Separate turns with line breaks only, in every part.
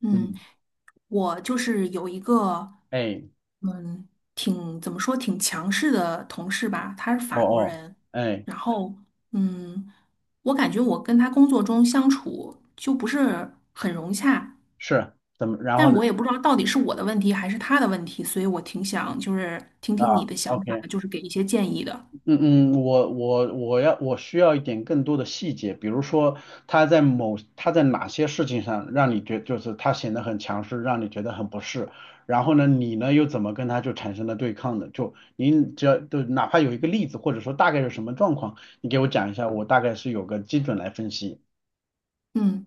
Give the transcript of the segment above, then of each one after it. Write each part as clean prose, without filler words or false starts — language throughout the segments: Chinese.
嗯，
嗯。
我就是有一个，
哎。
嗯，挺怎么说挺强势的同事吧，他是
哦
法国
哦。
人，
哎。
然后嗯，我感觉我跟他工作中相处就不是很融洽，
是怎么？然后
但
呢？
我也不知道到底是我的问题还是他的问题，所以我挺想就是听
啊
听你的想法，
，OK。
就是给一些建议的。
嗯嗯，我需要一点更多的细节，比如说他在哪些事情上让你觉就是他显得很强势，让你觉得很不适，然后呢，你呢又怎么跟他就产生了对抗的？就您只要就哪怕有一个例子，或者说大概是什么状况，你给我讲一下，我大概是有个基准来分析。
嗯，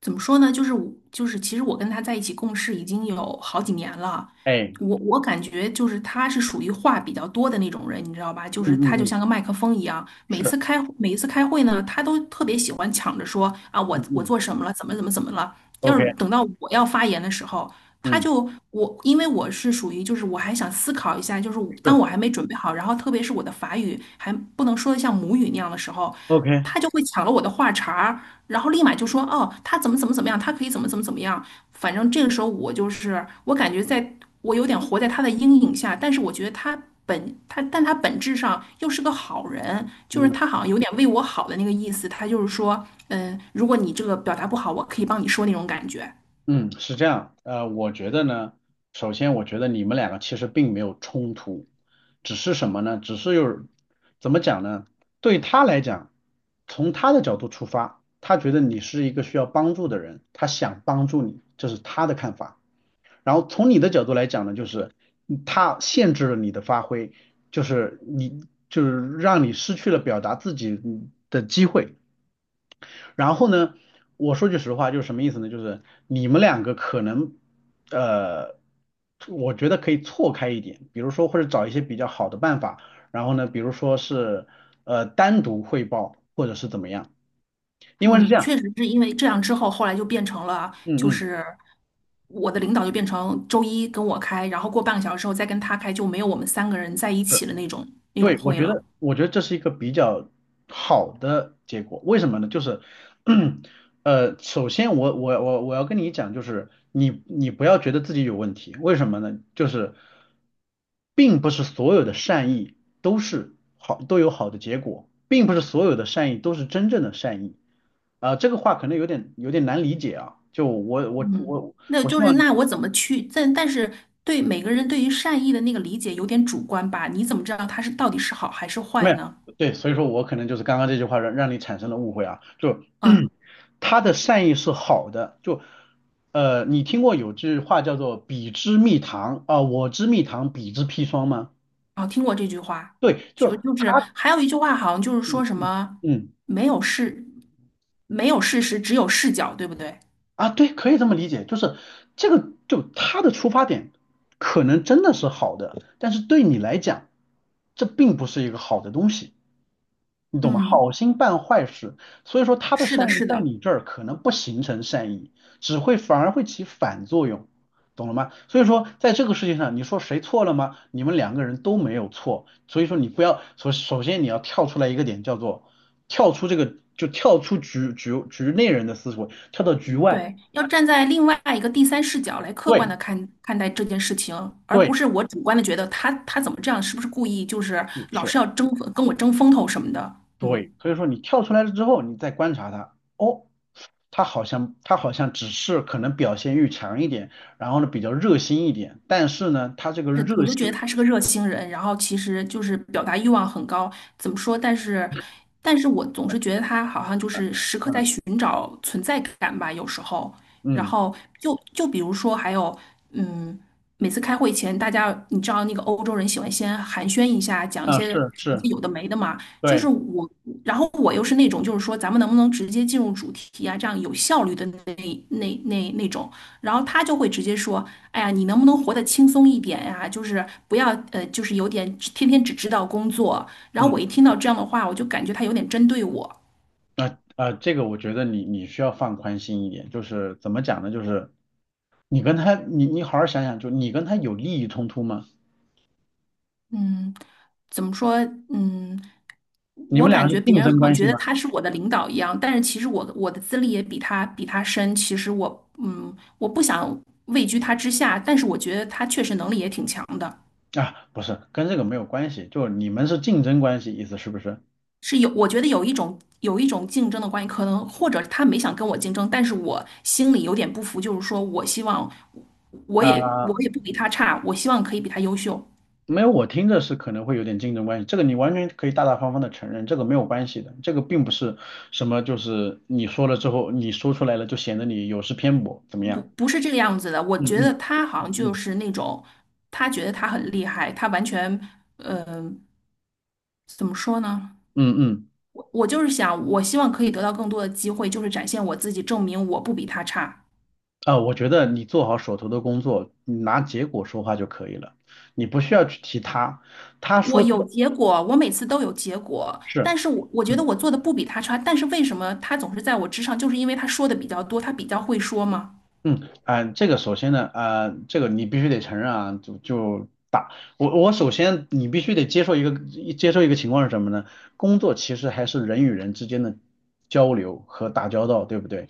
怎么说呢？就是我，其实我跟他在一起共事已经有好几年了。
哎。
我感觉就是他是属于话比较多的那种人，你知道吧？就
嗯
是他就
嗯嗯。
像个麦克风一样，每
是。
次开每一次开会呢，他都特别喜欢抢着说啊，我
嗯
我
嗯
做什么了，怎么怎么怎么了。要是
，OK。
等到我要发言的时候，他
嗯，
就我，因为我是属于就是我还想思考一下，就是当
是
我还没准备好，然后特别是我的法语还不能说的像母语那样的时候，
，OK。
他就会抢了我的话茬儿，然后立马就说哦，他怎么怎么怎么样，他可以怎么怎么怎么样。反正这个时候我就是我感觉在我有点活在他的阴影下，但是我觉得他。本他，但他本质上又是个好人，就是
嗯。
他好像有点为我好的那个意思。他就是说，嗯，如果你这个表达不好，我可以帮你说那种感觉。
嗯，是这样，我觉得呢，首先我觉得你们两个其实并没有冲突，只是什么呢？只是有，怎么讲呢？对他来讲，从他的角度出发，他觉得你是一个需要帮助的人，他想帮助你，这是他的看法。然后从你的角度来讲呢，就是他限制了你的发挥，就是你就是让你失去了表达自己的机会。然后呢，我说句实话，就是什么意思呢？就是你们两个可能，呃，我觉得可以错开一点，比如说或者找一些比较好的办法，然后呢，比如说是单独汇报或者是怎么样，因为是
嗯，
这样。
确实是因为这样之后，后来就变成了，
嗯
就
嗯。
是我的领导就变成周一跟我开，然后过半个小时之后再跟他开，就没有我们三个人在一起的那种
对，我
会
觉
了。
得，我觉得这是一个比较好的结果。为什么呢？就是，首先我要跟你讲，就是你你不要觉得自己有问题。为什么呢？就是并不是所有的善意都是好，都有好的结果，并不是所有的善意都是真正的善意。啊、这个话可能有点难理解啊。就我我
嗯，
我
那
我希
就是
望
那我怎么去？但但是对每个人对于善意的那个理解有点主观吧？你怎么知道他是到底是好还是
没
坏
有，
呢？
对，所以说我可能就是刚刚这句话让你产生了误会啊，就
啊
他的善意是好的，就你听过有句话叫做"彼之蜜糖"啊、我之蜜糖，彼之砒霜"吗？
啊，听过这句话，
对，就
就就是还有一句话好像就是
嗯
说什
嗯
么
嗯
没有事，没有事实，只有视角，对不对？
啊，对，可以这么理解，就是这个就他的出发点可能真的是好的，但是对你来讲，这并不是一个好的东西。你懂吗？
嗯，
好心办坏事，所以说他的
是
善
的，
意
是
在
的。
你这儿可能不形成善意，只会反而会起反作用，懂了吗？所以说在这个事情上，你说谁错了吗？你们两个人都没有错，所以说你不要首先你要跳出来一个点，叫做跳出这个就跳出局内人的思维，跳到局外。
对，要站在另外一个第三视角来客观
对。
的看待这件事情，而不
对。
是我主观的觉得他怎么这样，是不是故意，就是
是。
老
是。
是要争跟我争风头什么的。嗯，
对，所以说你跳出来了之后，你再观察它，哦，它好像只是可能表现欲强一点，然后呢比较热心一点，但是呢，它这个
是，我
热
就觉得
心，
他是个热心人，然后其实就是表达欲望很高，怎么说？但是我总是觉得他好像就
嗯
是时刻在
嗯
寻找存在感吧，有时候。然
嗯
后就比如说还有，嗯。每次开会前，大家你知道那个欧洲人喜欢先寒暄一下，讲一
啊，
些
是是，
有的没的嘛。就是
对，
我，然后我又是那种，就是说咱们能不能直接进入主题啊？这样有效率的那种。然后他就会直接说：“哎呀，你能不能活得轻松一点呀、就是不要就是有点天天只知道工作。”然后我
嗯
一听到这样的话，我就感觉他有点针对我。
啊、这个我觉得你需要放宽心一点，就是怎么讲呢，就是你跟他你好好想想，就你跟他有利益冲突吗？
嗯，怎么说？嗯。
你
我
们俩
感
是
觉别
竞
人
争
好像
关系
觉得
吗？
他是我的领导一样，但是其实我的资历也比他深。其实我嗯，我不想位居他之下，但是我觉得他确实能力也挺强的，
啊，不是，跟这个没有关系，就你们是竞争关系，意思是不是？
是我觉得有一种竞争的关系，可能或者他没想跟我竞争，但是我心里有点不服，就是说我希望我也
啊、
我也不比他差，我希望可以比他优秀，
没有，我听着是可能会有点竞争关系，这个你完全可以大大方方的承认，这个没有关系的，这个并不是什么就是你说了之后，你说出来了就显得你有失偏颇，怎么
不
样？
不是这个样子的。我觉
嗯
得他好像
嗯
就
嗯
是那种他觉得他很厉害，他完全嗯、呃怎么说呢？
嗯嗯嗯，
我就是想，我希望可以得到更多的机会，就是展现我自己，证明我不比他差。
啊，我觉得你做好手头的工作，你拿结果说话就可以了，你不需要去提他，他
我
说
有
的
结果，我每次都有结果，
是。
但是我觉得
嗯。
我做的不比他差，但是为什么他总是在我之上？就是因为他说的比较多，他比较会说嘛。
嗯，啊、这个首先呢，啊、这个你必须得承认啊，就我首先你必须得接受一个情况是什么呢？工作其实还是人与人之间的交流和打交道，对不对？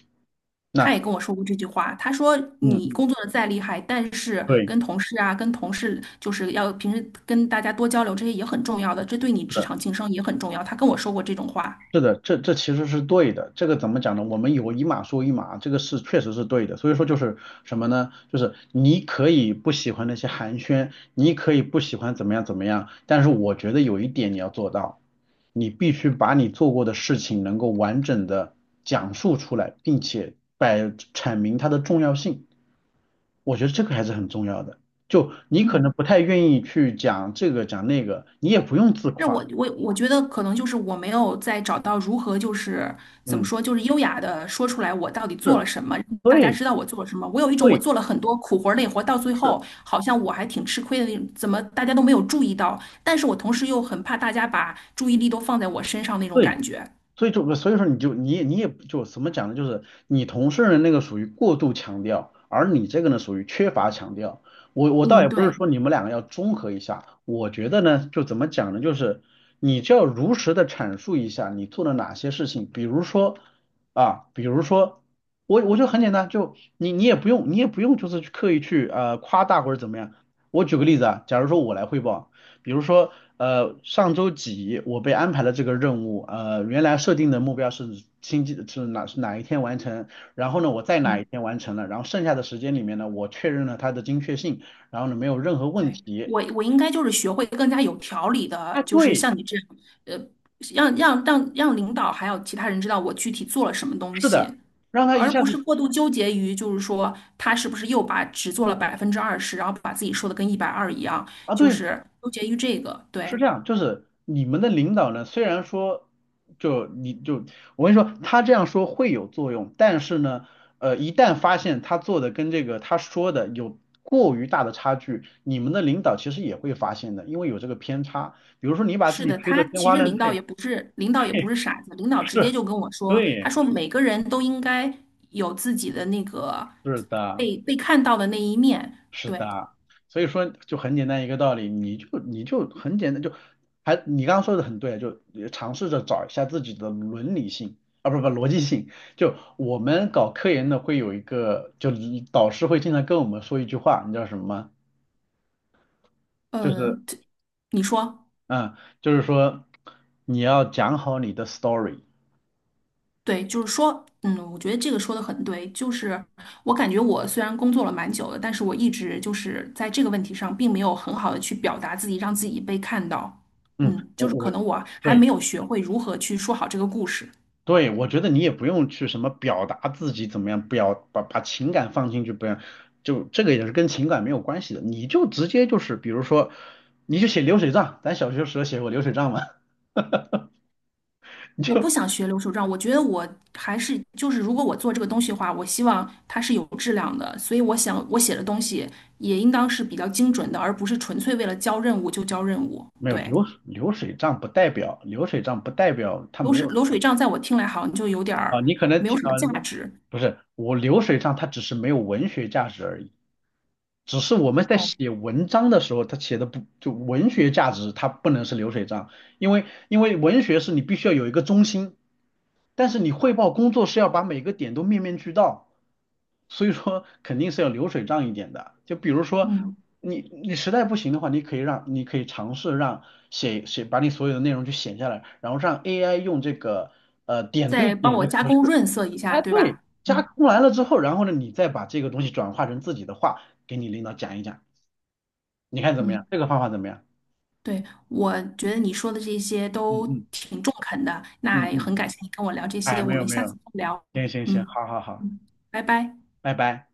他
那
也跟我说过这句话，他说
嗯
你
嗯，
工作的再厉害，但是
对。
跟同事就是要平时跟大家多交流，这些也很重要的，这对你
是
职
的。
场晋升也很重要。他跟我说过这种话，
是的，这其实是对的。这个怎么讲呢？我们有一码说一码，这个是确实是对的。所以说就是什么呢？就是你可以不喜欢那些寒暄，你可以不喜欢怎么样怎么样，但是我觉得有一点你要做到，你必须把你做过的事情能够完整的讲述出来，并且阐明它的重要性。我觉得这个还是很重要的。就你可
嗯。
能不太愿意去讲这个讲那个，你也不用自
是
夸。
我觉得可能就是我没有找到如何就是怎么
嗯，
说就是优雅的说出来我到底做了
是，
什么，让大家
对，
知道我做了什么。我有一种我
对，
做了很多苦活儿累活儿到最
是，
后好像我还挺吃亏的那种，怎么大家都没有注意到？但是我同时又很怕大家把注意力都放在我身上那种
对。
感觉。
所以说你也也就怎么讲呢？就是你同事的那个属于过度强调，而你这个呢属于缺乏强调。我倒
嗯，
也不是
对，
说你们两个要综合一下，我觉得呢就怎么讲呢？就是你就要如实的阐述一下你做了哪些事情，比如说啊，比如说我就很简单，就你也不用也不用就是去刻意去夸大或者怎么样。我举个例子啊，假如说我来汇报。比如说，上周几我被安排了这个任务，原来设定的目标是星期是哪是哪一天完成，然后呢，我在哪一
嗯，
天完成了，然后剩下的时间里面呢，我确认了它的精确性，然后呢，没有任何问
对，
题。
我应该就是学会更加有条理
啊，
的，就是
对，
像你这样，呃，让领导还有其他人知道我具体做了什么东
是的，
西。
让他一
而
下
不是
子
过度纠结于，就是说他是不是又把只做了20%，然后把自己说的跟120一样，
啊，
就
对，
是纠结于这个。
是
对，
这样，就是你们的领导呢，虽然说，就你就我跟你说，他这样说会有作用，但是呢，一旦发现他做的跟这个他说的有过于大的差距，你们的领导其实也会发现的，因为有这个偏差。比如说你把自
是
己
的，
吹
他
得天
其
花
实
乱坠，
领 导也不
嘿，
是傻子，领导直接
是，
就跟我说，他
对，
说每个人都应该有自己的那个
是的。
被看到的那一面。
是的
对，
啊，所以说就很简单一个道理，你就很简单，就你刚刚说的很对啊，就也尝试着找一下自己的伦理性啊，不不逻辑性。就我们搞科研的会有一个，就导师会经常跟我们说一句话，你知道什么吗？就是
嗯、这你说。
嗯，就是说你要讲好你的 story。
对，就是说，嗯，我觉得这个说的很对。就是我感觉我虽然工作了蛮久了，但是我一直就是在这个问题上，并没有很好的去表达自己，让自己被看到。
嗯，
嗯，
我
就是可
我。
能我还
对。
没有学会如何去说好这个故事。
对，我觉得你也不用去什么表达自己怎么样，把把情感放进去，不要，就这个也是跟情感没有关系的，你就直接就是，比如说，你就写流水账，咱小学时候写过流水账吗？
我不想学流水账，我觉得我还是就是，如果我做这个东西的话，我希望它是有质量的。所以我想，我写的东西也应当是比较精准的，而不是纯粹为了交任务就交任务。
没有，
对，
流水账不代表它
流
没
水
有
流水账在我听来好像就有点
啊，
儿
你可能
没有
听
什么
啊，
价值。
不是我流水账它只是没有文学价值而已。只是我们在
哦，
写文章的时候，它写的不就文学价值，它不能是流水账，因为文学是你必须要有一个中心，但是你汇报工作是要把每个点都面面俱到，所以说 肯定是要流水账一点的。就比如说
嗯，
你你实在不行的话，你可以让你可以尝试写把你所有的内容去写下来，然后让 AI 用这个点对
再帮
点
我
的
加
格
工
式
润色一下，
哎，
对
对，
吧？
加
嗯
工完了之后，然后呢，你再把这个东西转化成自己的话，给你领导讲一讲，你看怎么样？
嗯，
这个方法怎么样？
对，我觉得你说的这些
嗯
都
嗯
挺中肯的，
嗯
那也
嗯，
很感谢你跟我聊这
哎，
些，
没
我
有
们
没
下次
有，
再聊。
行行行，
嗯
好好好，
嗯，拜拜。
拜拜。